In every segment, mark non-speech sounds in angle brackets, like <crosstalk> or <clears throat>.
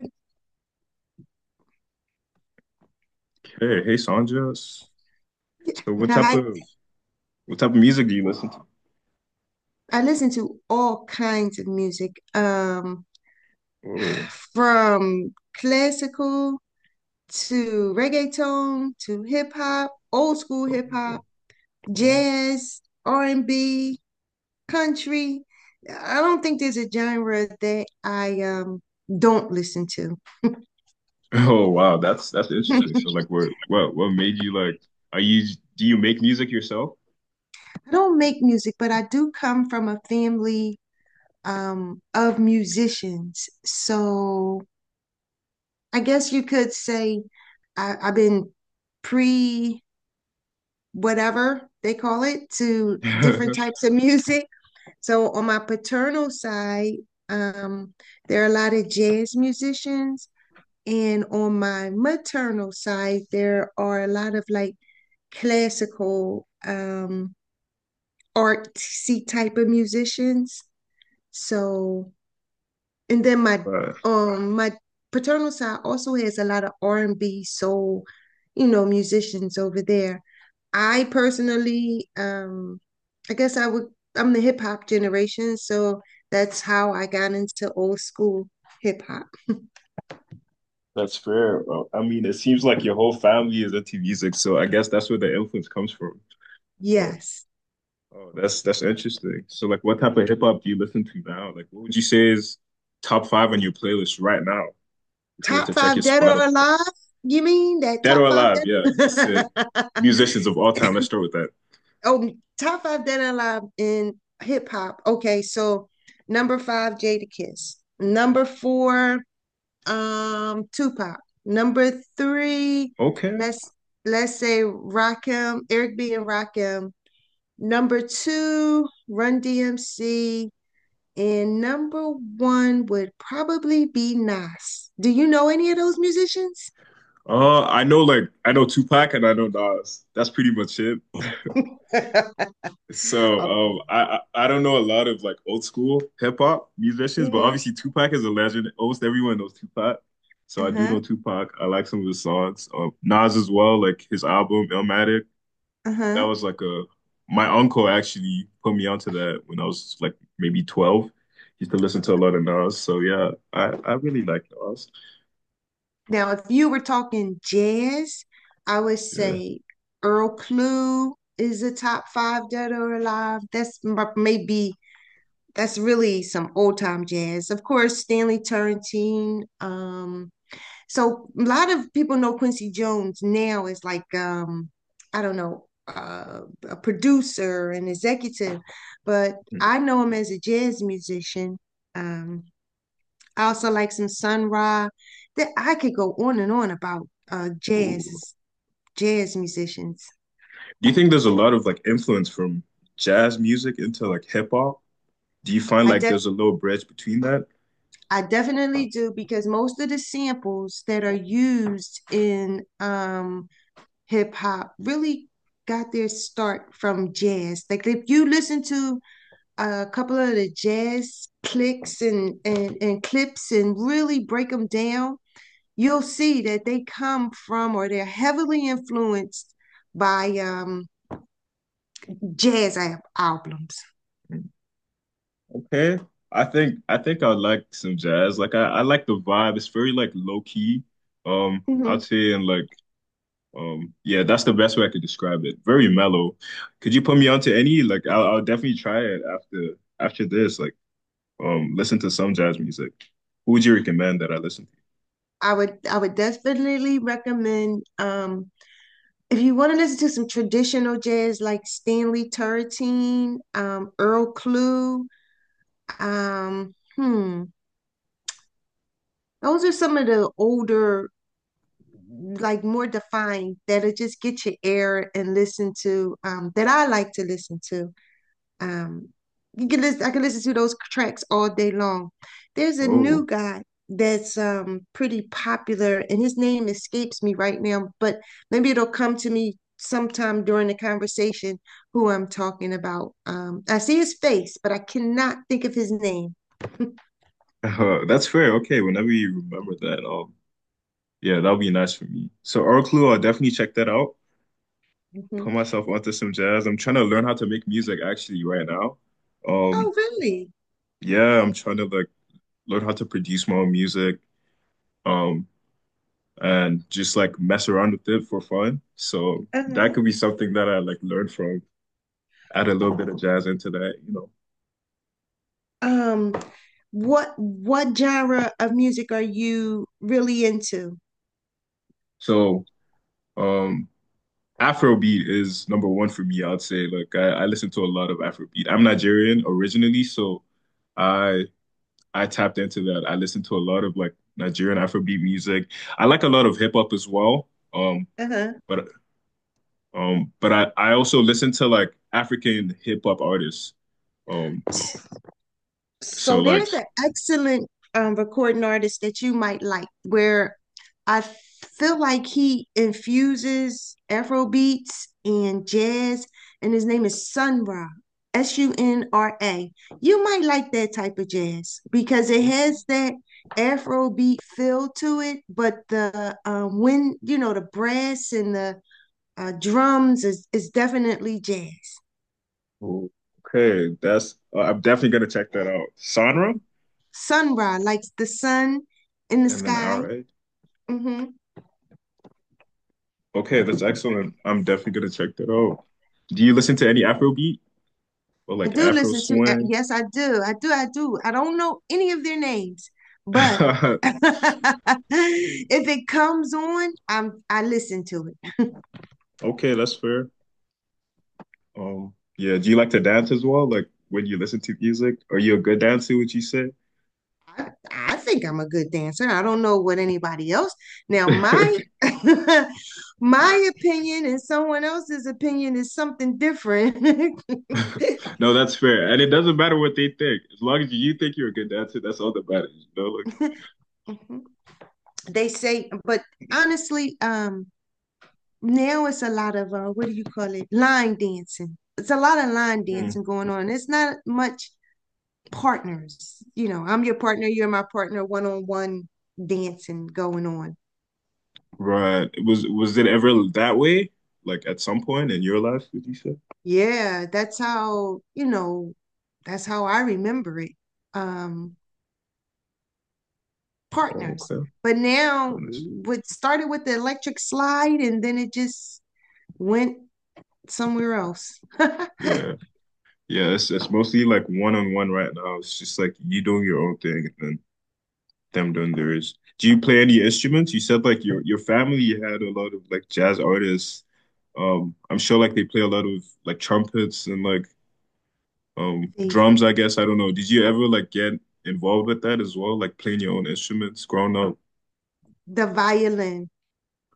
Yeah, Hey, hey, Sandra. S- So, what type I of what type of music do you listen to? I listen to all kinds of music, Oh, from classical to reggaeton to hip hop, old school hip hop, oh, oh. jazz, R&B, country. I don't think there's a genre that I don't listen to. Oh, wow, that's <laughs> interesting. I So, like, what made you like? Are you do you make music yourself? don't make music, but I do come from a family of musicians. So I guess you could say I've been pre whatever they call it to different <laughs> types of music. So on my paternal side, um, there are a lot of jazz musicians, and on my maternal side, there are a lot of like classical, artsy type of musicians. So And then my Wow, um my paternal side also has a lot of R and B soul, musicians over there. I personally, I guess I would I'm the hip hop generation, so that's how I got into old school hip hop. that's fair, bro. I mean, it seems like your whole family is into music, so I guess that's where the influence comes from. Oh, Yes. oh, that's interesting. So, like, what type of hip hop do you listen to now? Like, what would you say is top five on your playlist right now if we were to Top check your five dead or Spotify? alive? You mean that Dead top or five alive, yeah. Let's say dead? <laughs> musicians of all time. Let's start with that. Oh, top five dead and alive in hip hop. Okay, so number five, Jada Kiss. Number four, Tupac. Number three, Okay. let's let's say Rakim, Eric B. and Rakim. Number two, Run DMC. And number one would probably be Nas. Do you know any of those musicians? I know like I know Tupac and I know Nas. That's pretty much it. <laughs> So Oh, I don't know a lot of like old school hip hop musicians, but hmm. obviously Tupac is a legend. Almost everyone knows Tupac. So I do know Uh-huh. Tupac. I like some of his songs. Nas as well, like his album Illmatic. That Uh-huh. was like a my uncle actually put me onto that when I was like maybe 12. Used to listen to a lot of Nas. So yeah, I really like Nas. Now, if you were talking jazz, I would Yeah. say Earl Klugh is a top five dead or alive. That's maybe that's really some old time jazz. Of course, Stanley Turrentine. So a lot of people know Quincy Jones now as I don't know, a producer and executive, but I know him as a jazz musician. Um, I also like some Sun Ra. That I could go on and on about Ooh. jazz musicians. Do you think there's a lot of like influence from jazz music into like hip hop? Do you find I like def there's a little bridge between that? I definitely do because most of the samples that are used in hip hop really got their start from jazz. Like if you listen to a couple of the jazz clicks and clips and really break them down, you'll see that they come from or they're heavily influenced by jazz albums. Mm, Okay. I think I like some jazz. Like I like the vibe. It's very like low key. Mhm. I'd say and like yeah, that's the best way I could describe it. Very mellow. Could you put me onto any? Like I'll definitely try it after this. Like listen to some jazz music. Who would you recommend that I listen I would definitely recommend if you want to listen to some traditional jazz like Stanley Turretine, Earl Clue, um, hmm, those are some of the older, like more defined that'll just get your air and listen to that I like to listen to. Um, I can listen to those tracks all day long. There's a to? new guy that's pretty popular, and his name escapes me right now, but maybe it'll come to me sometime during the conversation who I'm talking about. I see his face, but I cannot think of his name. <laughs> <laughs> That's fair. Okay, whenever you remember that, yeah, that'll be nice for me. So Oraclue, I'll definitely check that out. Mhm. Put myself onto some jazz. I'm trying to learn how to make music actually right now. Um, Oh, really? yeah, I'm trying to like learn how to produce my own music, um, and just like mess around with it for fun. So that Uh-huh. could be something that I like learn from. Add a little bit of jazz into that, you know. Um. What genre of music are you really into? So, um. Afrobeat is number one for me, I'd say. Like I listen to a lot of Afrobeat. I'm Nigerian originally, so I I tapped into that. I listen to a lot of like Nigerian Afrobeat music. I like a lot of hip hop as well. Um, Uh-huh. but but I also listen to like African hip hop artists. Um, so So like there's an excellent recording artist that you might like where I feel like he infuses Afro beats and jazz, and his name is Sun Ra, Sunra. You might like that type of jazz because it has that Afro beat feel to it, but the when you know the brass and the drums is definitely jazz. Okay, that's I'm definitely gonna check that out. Sonra Sun Ra, like the sun in the and then sky. Ra. Hmm. Okay, that's excellent. I'm definitely gonna check that out. Do you listen to any Afrobeat or I like do Afro listen to, swing? yes, I do. I do. I do. I don't know any of their names, but <laughs> <laughs> if it comes on, I listen to it. Okay, that's fair. Yeah, do you like to dance as well? Like when you listen to music, are you a good dancer, would you say? I think I'm a good dancer. I don't know what anybody else. Now my <laughs> <laughs> my opinion and someone else's opinion is something different. No, that's fair. And it doesn't matter what they think. As long as you think you're a good dancer, that's all that matters, you know? Like, <laughs> they say, but honestly, now it's a lot of what do you call it? Line dancing. It's a lot of line hmm, dancing going on. It's not much partners. You know, I'm your partner, you're my partner, one on one dancing going on. right. Was it ever that way? Like at some point in your life, would you say? Yeah, that's how, you know, that's how I remember it. Um, Oh, partners. okay. But now Honest. what started with the electric slide and then it just went somewhere else. <laughs> Yeah. Yeah, it's mostly like one on one right now. It's just like you doing your own thing and then them doing theirs. Do you play any instruments? You said like your family had a lot of like jazz artists. I'm sure like they play a lot of like trumpets and like drums, I guess. I don't know. Did you ever like get involved with that as well? Like playing your own instruments growing up? the violin.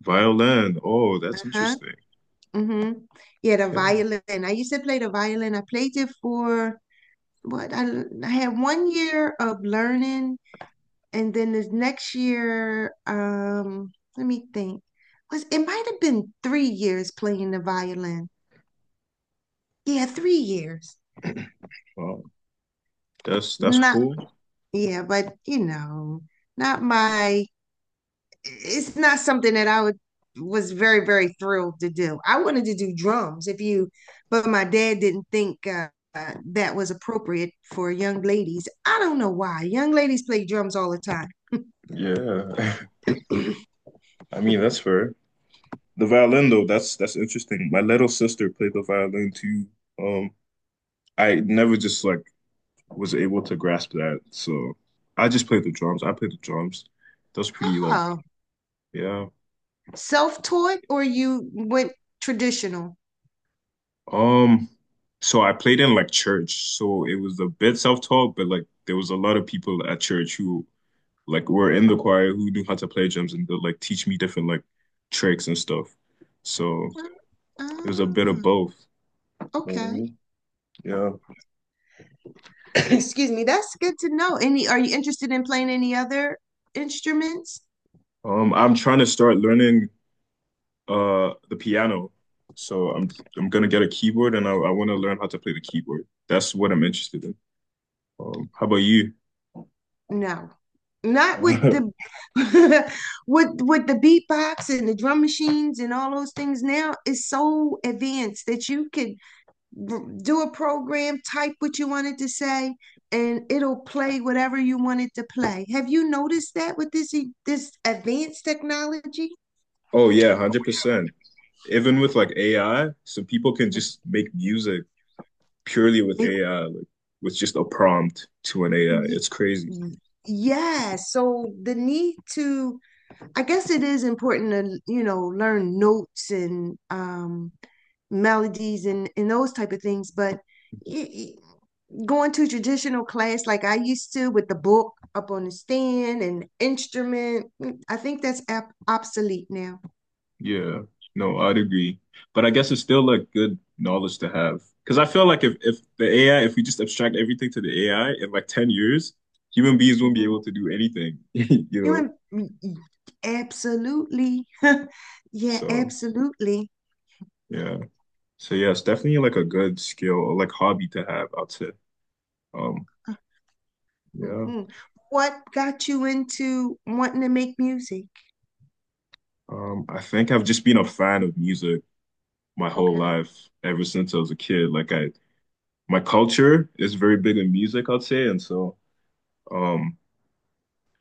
Violin. Oh, that's Uh-huh. interesting. Mm-hmm. Yeah, the Okay. violin. I used to play the violin. I played it for what I, I had 1 year of learning and then the next year, let me think. Was it might have been 3 years playing the violin. Yeah, 3 years. <clears throat> Wow. That's Not cool. yeah, but you know, not my it's not something that I would was very, very thrilled to do. I wanted to do drums if you but my dad didn't think that was appropriate for young ladies. I don't know why. Young ladies play drums all the time. Yeah. <laughs> I mean, that's fair. The violin though, that's interesting. My little sister played the violin too. Um, I never just like was able to grasp that. So I just played the drums. I played the drums. That's pretty like Oh, yeah. self-taught or you went traditional? Um, so I played in like church. So it was a bit self-taught, but like there was a lot of people at church who like were in the choir who knew how to play drums and they'd like teach me different like tricks and stuff. So it was a bit of Oh, both. You know what I okay. mean? Yeah. <clears throat> Excuse me. That's good to know. Any, are you interested in playing any other instruments? I'm trying to start learning the piano. So I'm gonna get a keyboard and I want to learn how to play the keyboard. That's what I'm interested in. How about you? No. Not with the <laughs> <laughs> with the beatbox and the drum machines and all those things now is so advanced that you could do a program, type what you wanted to say, and it'll play whatever you wanted to play. Have you noticed that with this advanced technology? Oh yeah, 100%. Even with like AI, so people can just make music purely with It AI, like with just a prompt to an AI. Y- It's crazy. y- Yeah, so I guess it is important to, you know, learn notes and melodies and those type of things. But y- going to traditional class like I used to with the book up on the stand and instrument, I think that's ab obsolete now. Yeah, no, I'd agree. But I guess it's still a good knowledge to have. Because I feel like if the AI, if we just abstract everything to the AI in like 10 years, human beings won't be Hmm. able to do anything, <laughs> you know? You and- absolutely. <laughs> Yeah, So, absolutely. yeah. So, yeah, it's definitely like a good skill or like hobby to have, I'd say. Um, yeah. Hmm. What got you into wanting to make music? I think I've just been a fan of music my whole Okay. life ever since I was a kid. Like my culture is very big in music, I'd say. Um,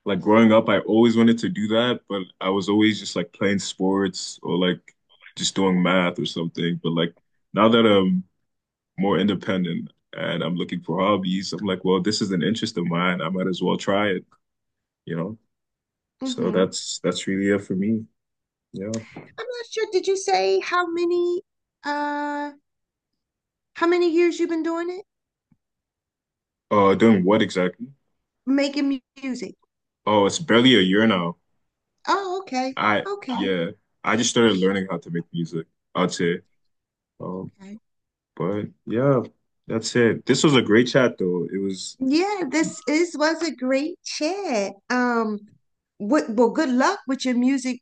Like growing up, I always wanted to do that, but I was always just like playing sports or like just doing math or something. But like now that I'm more independent and I'm looking for hobbies, I'm like, well, this is an interest of mine. I might as well try it, you know? So Hmm. that's really it for me. Yeah. I'm not sure. Did you say how many uh how many years you've been doing it? Doing what exactly? Making music. Oh, it's barely a year now. Oh, okay. I Okay. yeah, I just started learning how to make music, I'd say. Um, Okay. but yeah, that's it. This was a great chat though. It was Yeah, this is was a great chat. What well, good luck with your music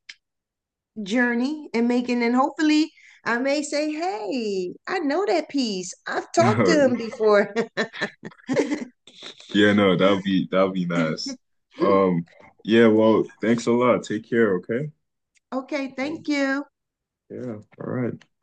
journey and making, and hopefully I may say, hey, I know that piece. I've talked to him <laughs> before. Yeah, no, that'll be nice. Um, <laughs> yeah, well, thanks a lot. Take care, okay? Okay, Um, thank you. yeah, all right.